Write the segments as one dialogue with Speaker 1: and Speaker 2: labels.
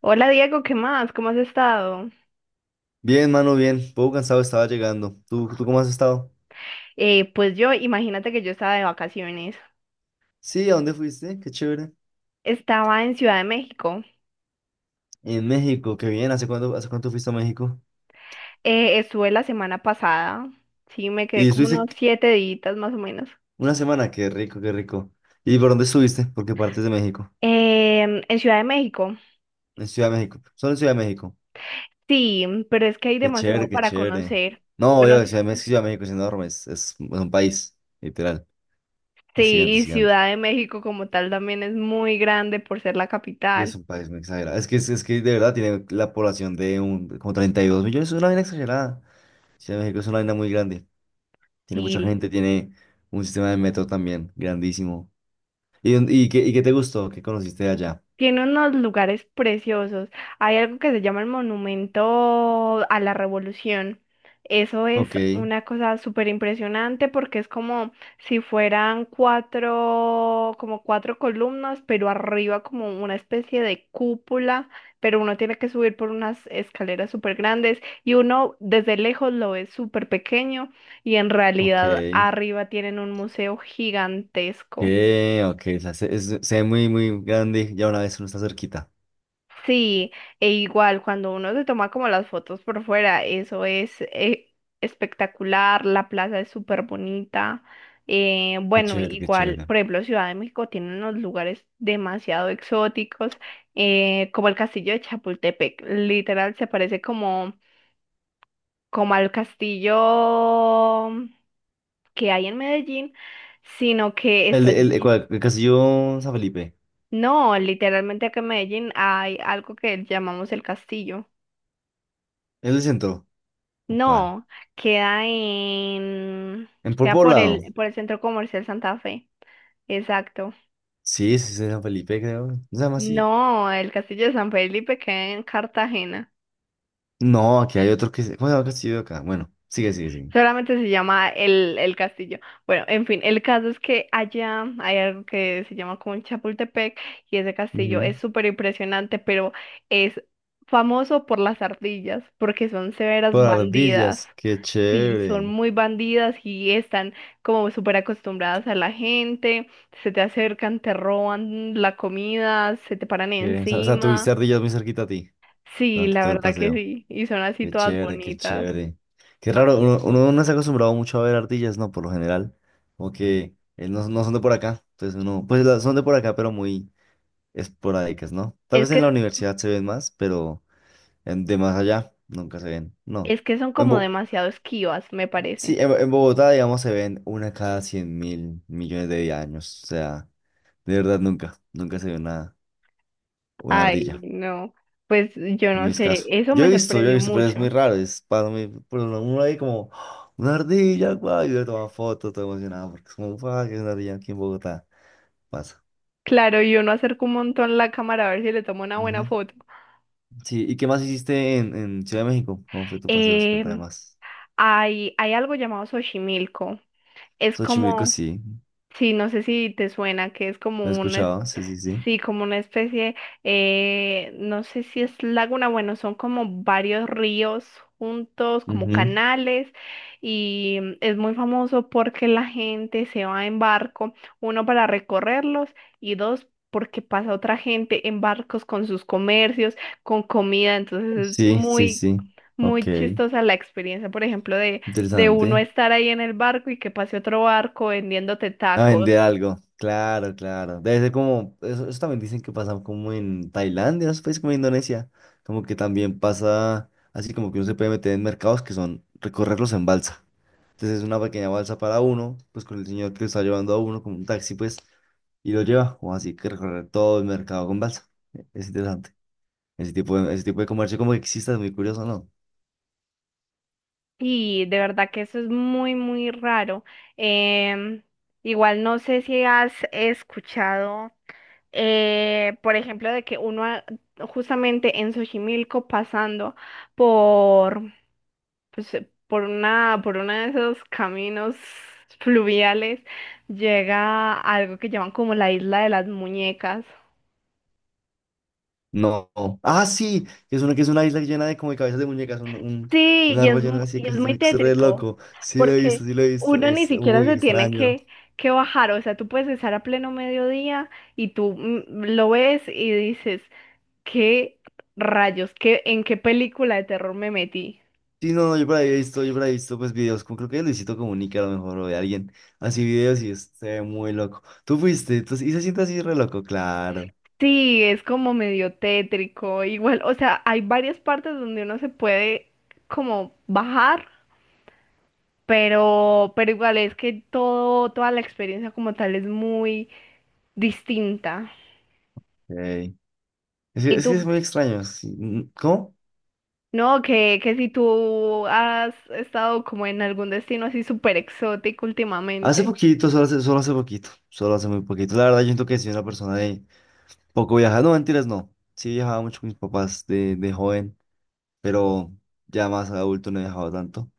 Speaker 1: Hola Diego, ¿qué más? ¿Cómo has estado?
Speaker 2: Bien, mano, bien. Poco cansado estaba llegando. ¿Tú cómo has estado?
Speaker 1: Pues yo, imagínate que yo estaba de vacaciones.
Speaker 2: Sí, ¿a dónde fuiste? Qué chévere.
Speaker 1: Estaba en Ciudad de México.
Speaker 2: En México, qué bien. ¿Hace cuánto fuiste a México?
Speaker 1: Estuve la semana pasada. Sí, me quedé
Speaker 2: Y
Speaker 1: como unos
Speaker 2: estuviste qu-
Speaker 1: 7 días más o menos.
Speaker 2: una semana, qué rico, qué rico. ¿Y por dónde estuviste? ¿Por qué partes de México?
Speaker 1: En Ciudad de México.
Speaker 2: En Ciudad de México. Solo en Ciudad de México.
Speaker 1: Sí, pero es que hay
Speaker 2: Qué
Speaker 1: demasiado
Speaker 2: chévere, qué
Speaker 1: para
Speaker 2: chévere.
Speaker 1: conocer. Yo
Speaker 2: No,
Speaker 1: no
Speaker 2: yo,
Speaker 1: sé.
Speaker 2: Ciudad de México es enorme. Es un país, literal. Es gigante,
Speaker 1: Sí,
Speaker 2: es
Speaker 1: y
Speaker 2: gigante.
Speaker 1: Ciudad de México como tal también es muy grande por ser la
Speaker 2: Y es
Speaker 1: capital.
Speaker 2: un país muy exagerado. Es que de verdad tiene la población de un, como 32 millones. Es una vaina exagerada. Ciudad de México es una vaina muy grande. Tiene mucha
Speaker 1: Sí,
Speaker 2: gente, tiene un sistema de metro también grandísimo. ¿Y qué te gustó? ¿Qué conociste allá?
Speaker 1: tiene unos lugares preciosos. Hay algo que se llama el Monumento a la Revolución. Eso es
Speaker 2: Ok,
Speaker 1: una cosa súper impresionante porque es como si fueran cuatro, como cuatro columnas, pero arriba como una especie de cúpula, pero uno tiene que subir por unas escaleras súper grandes y uno desde lejos lo ve súper pequeño y en
Speaker 2: ok,
Speaker 1: realidad arriba tienen un museo
Speaker 2: ok,
Speaker 1: gigantesco.
Speaker 2: ok. O sea, se ve muy, muy grande. Y ya una vez uno está cerquita.
Speaker 1: Sí, e igual cuando uno se toma como las fotos por fuera, eso es espectacular, la plaza es súper bonita. eh,
Speaker 2: Qué
Speaker 1: bueno,
Speaker 2: chévere, qué
Speaker 1: igual,
Speaker 2: chévere.
Speaker 1: por ejemplo, Ciudad de México tiene unos lugares demasiado exóticos, como el castillo de Chapultepec, literal se parece como, como al castillo que hay en Medellín, sino que
Speaker 2: ¿El,
Speaker 1: está
Speaker 2: de- el,
Speaker 1: allí.
Speaker 2: cuál? ¿El Castillo San Felipe?
Speaker 1: No, literalmente acá en Medellín hay algo que llamamos el castillo.
Speaker 2: ¿Es el centro? ¿O cuál?
Speaker 1: No, queda en,
Speaker 2: ¿En por
Speaker 1: queda por
Speaker 2: poblado?
Speaker 1: por el Centro Comercial Santa Fe. Exacto.
Speaker 2: Sí, sí, es en San Felipe, creo. ¿No se llama así?
Speaker 1: No, el Castillo de San Felipe queda en Cartagena.
Speaker 2: No, aquí hay otro que… ¿Cómo se llama el castillo de acá? Bueno, sigue, sigue, sigue.
Speaker 1: Solamente se llama el castillo. Bueno, en fin, el caso es que allá hay algo que se llama como el Chapultepec y ese castillo
Speaker 2: Ujú.
Speaker 1: es súper impresionante, pero es famoso por las ardillas, porque son severas
Speaker 2: Por
Speaker 1: bandidas.
Speaker 2: ardillas, qué
Speaker 1: Sí, son
Speaker 2: chévere.
Speaker 1: muy bandidas y están como súper acostumbradas a la gente, se te acercan, te roban la comida, se te paran
Speaker 2: Qué- O sea, tuviste
Speaker 1: encima.
Speaker 2: ardillas muy cerquita a ti.
Speaker 1: Sí,
Speaker 2: Durante
Speaker 1: la
Speaker 2: todo el
Speaker 1: verdad que
Speaker 2: paseo.
Speaker 1: sí, y son así
Speaker 2: Qué
Speaker 1: todas
Speaker 2: chévere, qué
Speaker 1: bonitas.
Speaker 2: chévere. Qué raro, uno no se ha acostumbrado mucho a ver ardillas, ¿no? Por lo general, como que no, no son de por acá, entonces uno, pues son de por acá, pero muy esporádicas, ¿no? Tal
Speaker 1: Es
Speaker 2: vez en
Speaker 1: que
Speaker 2: la universidad se ven más, pero de más allá nunca se ven, no.
Speaker 1: Es que son
Speaker 2: En
Speaker 1: como
Speaker 2: Bo-
Speaker 1: demasiado esquivas, me
Speaker 2: sí,
Speaker 1: parece.
Speaker 2: en Bogotá, digamos, se ven una cada 100 mil millones de años, o sea, de verdad nunca, nunca se ve una
Speaker 1: Ay,
Speaker 2: ardilla.
Speaker 1: no. Pues yo
Speaker 2: Es
Speaker 1: no
Speaker 2: muy
Speaker 1: sé,
Speaker 2: escaso.
Speaker 1: eso me
Speaker 2: Yo he
Speaker 1: sorprendió
Speaker 2: visto, pero es muy
Speaker 1: mucho.
Speaker 2: raro. Es para mí, por uno ahí como, ¡ah!, una ardilla, guay, y yo tomo foto, todo emocionado, porque es como, guay, que es una ardilla aquí en Bogotá. Pasa.
Speaker 1: Claro, yo no acerco un montón la cámara a ver si le tomo una buena
Speaker 2: Ujú.
Speaker 1: foto.
Speaker 2: Sí, ¿y qué más hiciste en Ciudad de México? ¿Cómo fue tu paseo? Cuéntame
Speaker 1: Em,
Speaker 2: más.
Speaker 1: hay algo llamado Xochimilco. Es
Speaker 2: Xochimilco,
Speaker 1: como,
Speaker 2: sí,
Speaker 1: sí, no sé si te suena, que es
Speaker 2: lo he
Speaker 1: como un,
Speaker 2: escuchado, sí, sí, sí.
Speaker 1: sí, como una especie, no sé si es laguna, bueno, son como varios ríos juntos, como
Speaker 2: Ujú.
Speaker 1: canales, y es muy famoso porque la gente se va en barco, uno para recorrerlos y dos porque pasa otra gente en barcos con sus comercios, con comida, entonces es
Speaker 2: Sí, sí,
Speaker 1: muy,
Speaker 2: sí. Ok,
Speaker 1: muy chistosa la experiencia, por ejemplo, de uno
Speaker 2: interesante.
Speaker 1: estar ahí en el barco y que pase otro barco vendiéndote
Speaker 2: A
Speaker 1: tacos.
Speaker 2: vender algo. Claro, claro. Debe ser como, eso también dicen que pasa como en Tailandia, esos países como Indonesia. Como que también pasa así como que uno se puede meter en mercados que son recorrerlos en balsa. Entonces es una pequeña balsa para uno, pues con el señor que lo está llevando a uno, como un taxi, pues, y lo lleva. O así que recorrer todo el mercado con balsa. Es interesante. Ese tipo de comercio como que existe, es muy curioso, ¿no?
Speaker 1: Y de verdad que eso es muy, muy raro. Em, Igual no sé si has escuchado, por ejemplo, de que justamente en Xochimilco pasando por, pues, por una, por uno de esos caminos fluviales llega a algo que llaman como la isla de las muñecas.
Speaker 2: No. Ah, sí, que es una isla llena de como de cabezas de muñecas,
Speaker 1: Sí,
Speaker 2: un árbol lleno de así de
Speaker 1: y es
Speaker 2: cabezas de
Speaker 1: muy
Speaker 2: muñecas, es re
Speaker 1: tétrico,
Speaker 2: loco. Sí lo he
Speaker 1: porque
Speaker 2: visto, sí lo he visto,
Speaker 1: uno ni
Speaker 2: es
Speaker 1: siquiera
Speaker 2: muy
Speaker 1: se tiene
Speaker 2: extraño.
Speaker 1: que bajar, o sea, tú puedes estar a pleno mediodía y tú lo ves y dices, ¿qué rayos? ¿Qué, en qué película de terror me metí?
Speaker 2: Sí, no, no, yo por ahí he visto, yo por ahí he visto pues videos, como creo que de Luisito Comunica a lo mejor, o de alguien, así videos y es, se ve muy loco. Tú fuiste, entonces, y se siente así re loco, claro.
Speaker 1: Sí, es como medio tétrico, igual, o sea, hay varias partes donde uno se puede como bajar, pero igual es que toda la experiencia como tal es muy distinta.
Speaker 2: Ok. Es, que
Speaker 1: ¿Y
Speaker 2: es que
Speaker 1: tú?
Speaker 2: es muy extraño. Sí, mm, ¿cómo?
Speaker 1: No, que si tú has estado como en algún destino así súper exótico
Speaker 2: Hace
Speaker 1: últimamente.
Speaker 2: poquito, solo hace muy poquito. La verdad, yo siento que sí soy una persona de poco viajada. No, mentiras, no. Sí viajaba mucho con mis papás de joven. Pero ya más adulto no he viajado tanto.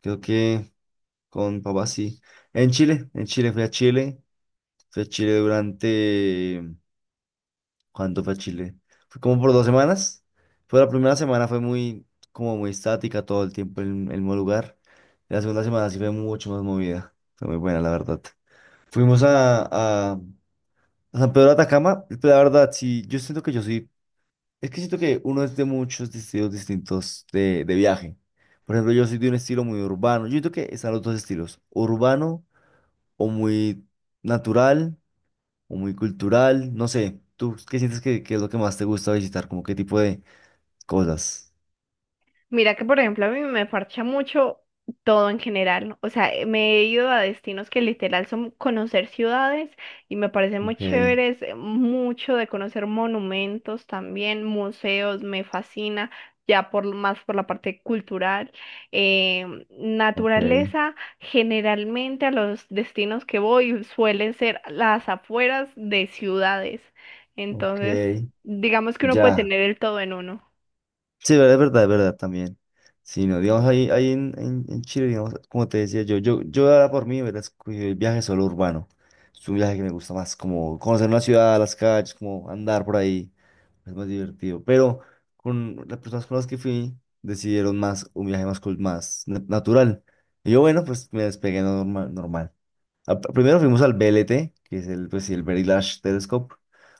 Speaker 2: Creo que con papá sí. En Chile fui a Chile, fui a Chile durante… ¿Cuánto fue a Chile? Fue como por 2 semanas. Fue la primera semana, fue muy, como muy estática todo el tiempo en el mismo lugar. La segunda semana sí fue mucho más movida. Fue muy buena, la verdad. Fuimos a, a a San Pedro de Atacama, la verdad, sí, yo siento que yo sí. Es que siento que uno es de muchos estilos distintos de viaje. Por ejemplo, yo soy de un estilo muy urbano. Yo siento que están los dos estilos, urbano o muy natural o muy cultural. No sé, ¿tú qué sientes que es lo que más te gusta visitar? ¿Como qué tipo de cosas?
Speaker 1: Mira que, por ejemplo, a mí me parcha mucho todo en general. O sea, me he ido a destinos que literal son conocer ciudades y me parecen muy
Speaker 2: Ok,
Speaker 1: chéveres, mucho de conocer monumentos también, museos, me fascina, ya por más por la parte cultural. Eh,
Speaker 2: ok,
Speaker 1: Naturaleza, generalmente a los destinos que voy suelen ser las afueras de ciudades. Entonces,
Speaker 2: ok.
Speaker 1: digamos que uno puede
Speaker 2: Ya.
Speaker 1: tener el todo en uno.
Speaker 2: Sí, verdad, es verdad, es verdad también. Sí, no, digamos, ahí en Chile, digamos, como te decía yo, yo ahora por mí hubiera escogido el viaje solo urbano. Es un viaje que me gusta más, como conocer una ciudad, las calles, como andar por ahí. Es más divertido. Pero con las personas con las que fui, decidieron más un viaje más, natural. Y yo, bueno, pues me despegué normal, normal. Primero fuimos al BLT, que es el, pues, sí, el Very Large Telescope,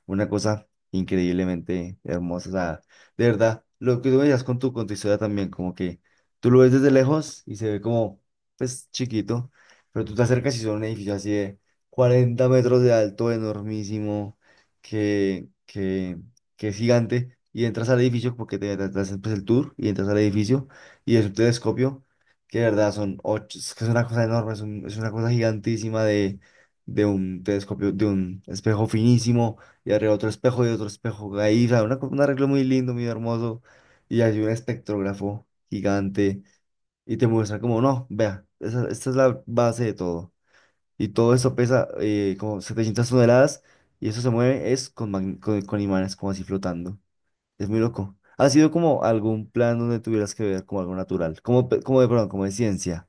Speaker 2: una cosa increíblemente hermosa. O sea, de verdad, lo que tú me decías con tu historia también, como que tú lo ves desde lejos y se ve como, pues, chiquito, pero tú te acercas y son un edificio así de 40 metros de alto, enormísimo, que, que, que es gigante, y entras al edificio porque te hacen pues, el tour y entras al edificio y es un telescopio que de verdad son ocho, es que es una cosa enorme, es, es una cosa gigantísima de un telescopio, de un espejo finísimo, y arriba otro espejo y otro espejo ahí, o sea, un arreglo muy lindo, muy hermoso, y hay un espectrógrafo gigante, y te muestra como, no, vea, esta es la base de todo, y todo eso pesa como 700 toneladas, y eso se mueve es con, con imanes como así flotando, es muy loco. ¿Ha sido como algún plan donde tuvieras que ver como algo natural, como, como de ciencia?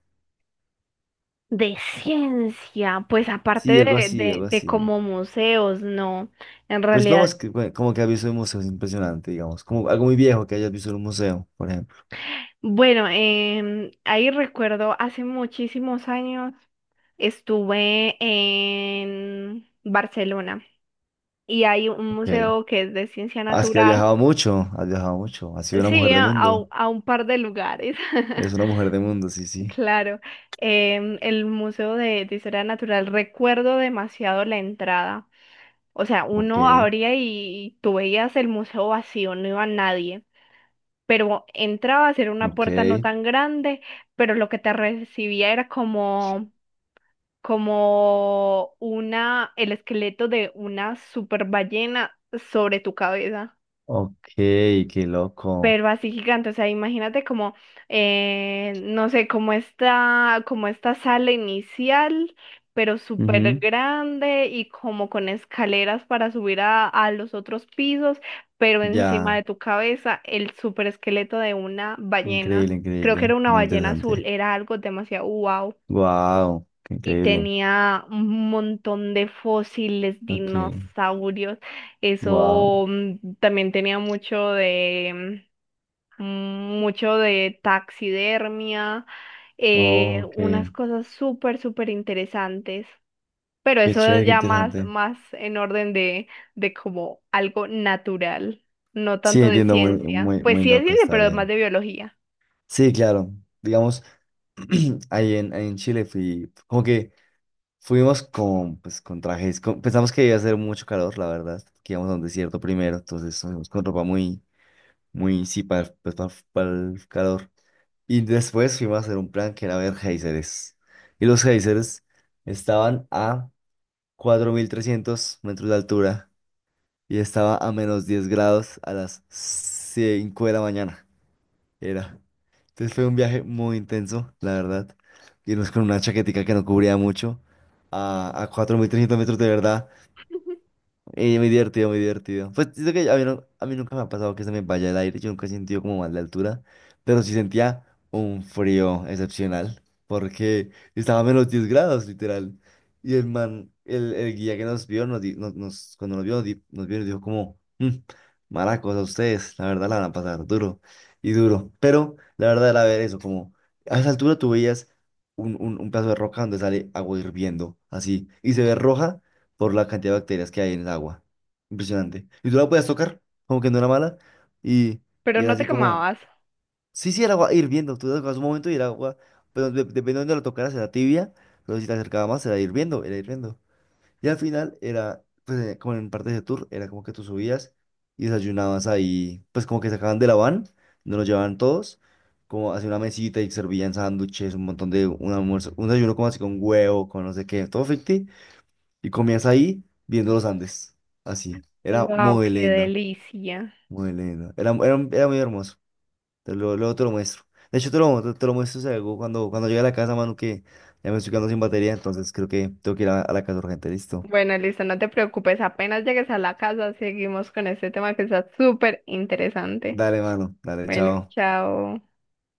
Speaker 1: De ciencia, pues
Speaker 2: Sí,
Speaker 1: aparte
Speaker 2: algo así, algo
Speaker 1: de
Speaker 2: así.
Speaker 1: como museos, no, en
Speaker 2: Pues no
Speaker 1: realidad.
Speaker 2: más que bueno, como que ha visto en museos impresionante, digamos. Como algo muy viejo que hayas visto en un museo, por ejemplo.
Speaker 1: Bueno, ahí recuerdo hace muchísimos años estuve en Barcelona y hay un
Speaker 2: Ok.
Speaker 1: museo que es de ciencia
Speaker 2: Ah, es que has
Speaker 1: natural.
Speaker 2: viajado mucho, has viajado mucho. Has sido una
Speaker 1: Sí,
Speaker 2: mujer de
Speaker 1: a, a u-
Speaker 2: mundo.
Speaker 1: a un par de lugares,
Speaker 2: Eres una mujer de mundo, sí, sí.
Speaker 1: claro. El Museo de Historia Natural, recuerdo demasiado la entrada. O sea,
Speaker 2: Ok,
Speaker 1: uno abría y tú veías el museo vacío, no iba nadie. Pero entrabas, era una
Speaker 2: ok,
Speaker 1: puerta no tan grande, pero lo que te recibía era como, como una, el esqueleto de una super ballena sobre tu cabeza.
Speaker 2: ok, qué loco.
Speaker 1: Pero así gigante, o sea, imagínate como, no sé, como esta sala inicial, pero súper
Speaker 2: Ujú.
Speaker 1: grande y como con escaleras para subir a los otros pisos, pero encima
Speaker 2: Ya,
Speaker 1: de tu cabeza el súper esqueleto de una ballena,
Speaker 2: increíble,
Speaker 1: creo que
Speaker 2: increíble.
Speaker 1: era una
Speaker 2: Muy
Speaker 1: ballena azul,
Speaker 2: interesante.
Speaker 1: era algo demasiado wow.
Speaker 2: Wow, qué
Speaker 1: Y
Speaker 2: increíble.
Speaker 1: tenía un montón de fósiles,
Speaker 2: Ok,
Speaker 1: dinosaurios.
Speaker 2: wow.
Speaker 1: Eso también tenía mucho de, mm, mucho de taxidermia,
Speaker 2: Oh, ok,
Speaker 1: unas cosas súper, súper interesantes, pero
Speaker 2: qué
Speaker 1: eso
Speaker 2: chévere, qué
Speaker 1: ya más,
Speaker 2: interesante.
Speaker 1: más en orden de como algo natural, no
Speaker 2: Sí,
Speaker 1: tanto de
Speaker 2: entiendo, muy,
Speaker 1: ciencia.
Speaker 2: muy,
Speaker 1: Pues
Speaker 2: muy
Speaker 1: sí es
Speaker 2: loco,
Speaker 1: ciencia,
Speaker 2: está
Speaker 1: pero más
Speaker 2: bien.
Speaker 1: de biología.
Speaker 2: Sí, claro. Digamos, ahí en Chile fui, como que fuimos con, pues, con trajes, pensamos que iba a hacer mucho calor, la verdad, que íbamos a un desierto primero, entonces fuimos con ropa muy, muy, sí, para, pues, para el calor. Y después fuimos a hacer un plan que era ver géiseres. Y los géiseres estaban a 4300 metros de altura y estaba a -10 grados a las 5 de la mañana. Era. Entonces fue un viaje muy intenso, la verdad. Irnos con una chaquetica que no cubría mucho a 4300 metros de verdad. Y muy divertido, muy divertido. Pues siento que a mí, a mí nunca me ha pasado que se me vaya el aire, yo nunca he sentido como mal de altura, pero sí sentía un frío excepcional, porque estaba a -10 grados, literal. Y el man, el guía que nos vio, nos, di- nos, nos- cuando nos vio, nos vio, y nos dijo como: "Mm, maracos, a ustedes, la verdad la van a pasar duro y duro". Pero la verdad era ver eso, como a esa altura tú veías un pedazo de roca donde sale agua hirviendo, así, y se ve roja por la cantidad de bacterias que hay en el agua. Impresionante. Y tú la puedes tocar, como que no era mala, y,
Speaker 1: Pero
Speaker 2: y era
Speaker 1: no te
Speaker 2: así como,
Speaker 1: quemabas.
Speaker 2: sí, sí, el agua hirviendo, tú la tocabas un momento y el agua, pero depende de dónde la tocaras, era tibia, pero si te acercaba más, era hirviendo, era hirviendo. Y al final era, pues como en partes de tour, era como que tú subías y desayunabas ahí, pues como que sacaban de la van, no los llevaban todos, como hacia una mesita y servían sándwiches, un montón de un almuerzo, un desayuno como así con huevo, con no sé qué, todo ficti. Y comías ahí viendo los Andes. Así. Era
Speaker 1: Wow,
Speaker 2: muy
Speaker 1: qué
Speaker 2: lindo.
Speaker 1: delicia.
Speaker 2: Muy lindo. Era muy hermoso. Te lo, luego te lo muestro. De hecho, te lo muestro si algo cuando, cuando llegue a la casa, mano, que ya me estoy quedando sin batería. Entonces creo que tengo que ir a la casa urgente. Listo.
Speaker 1: Bueno, listo, no te preocupes, apenas llegues a la casa, seguimos con este tema que está súper interesante.
Speaker 2: Dale, mano. Dale,
Speaker 1: Bueno,
Speaker 2: chao.
Speaker 1: chao.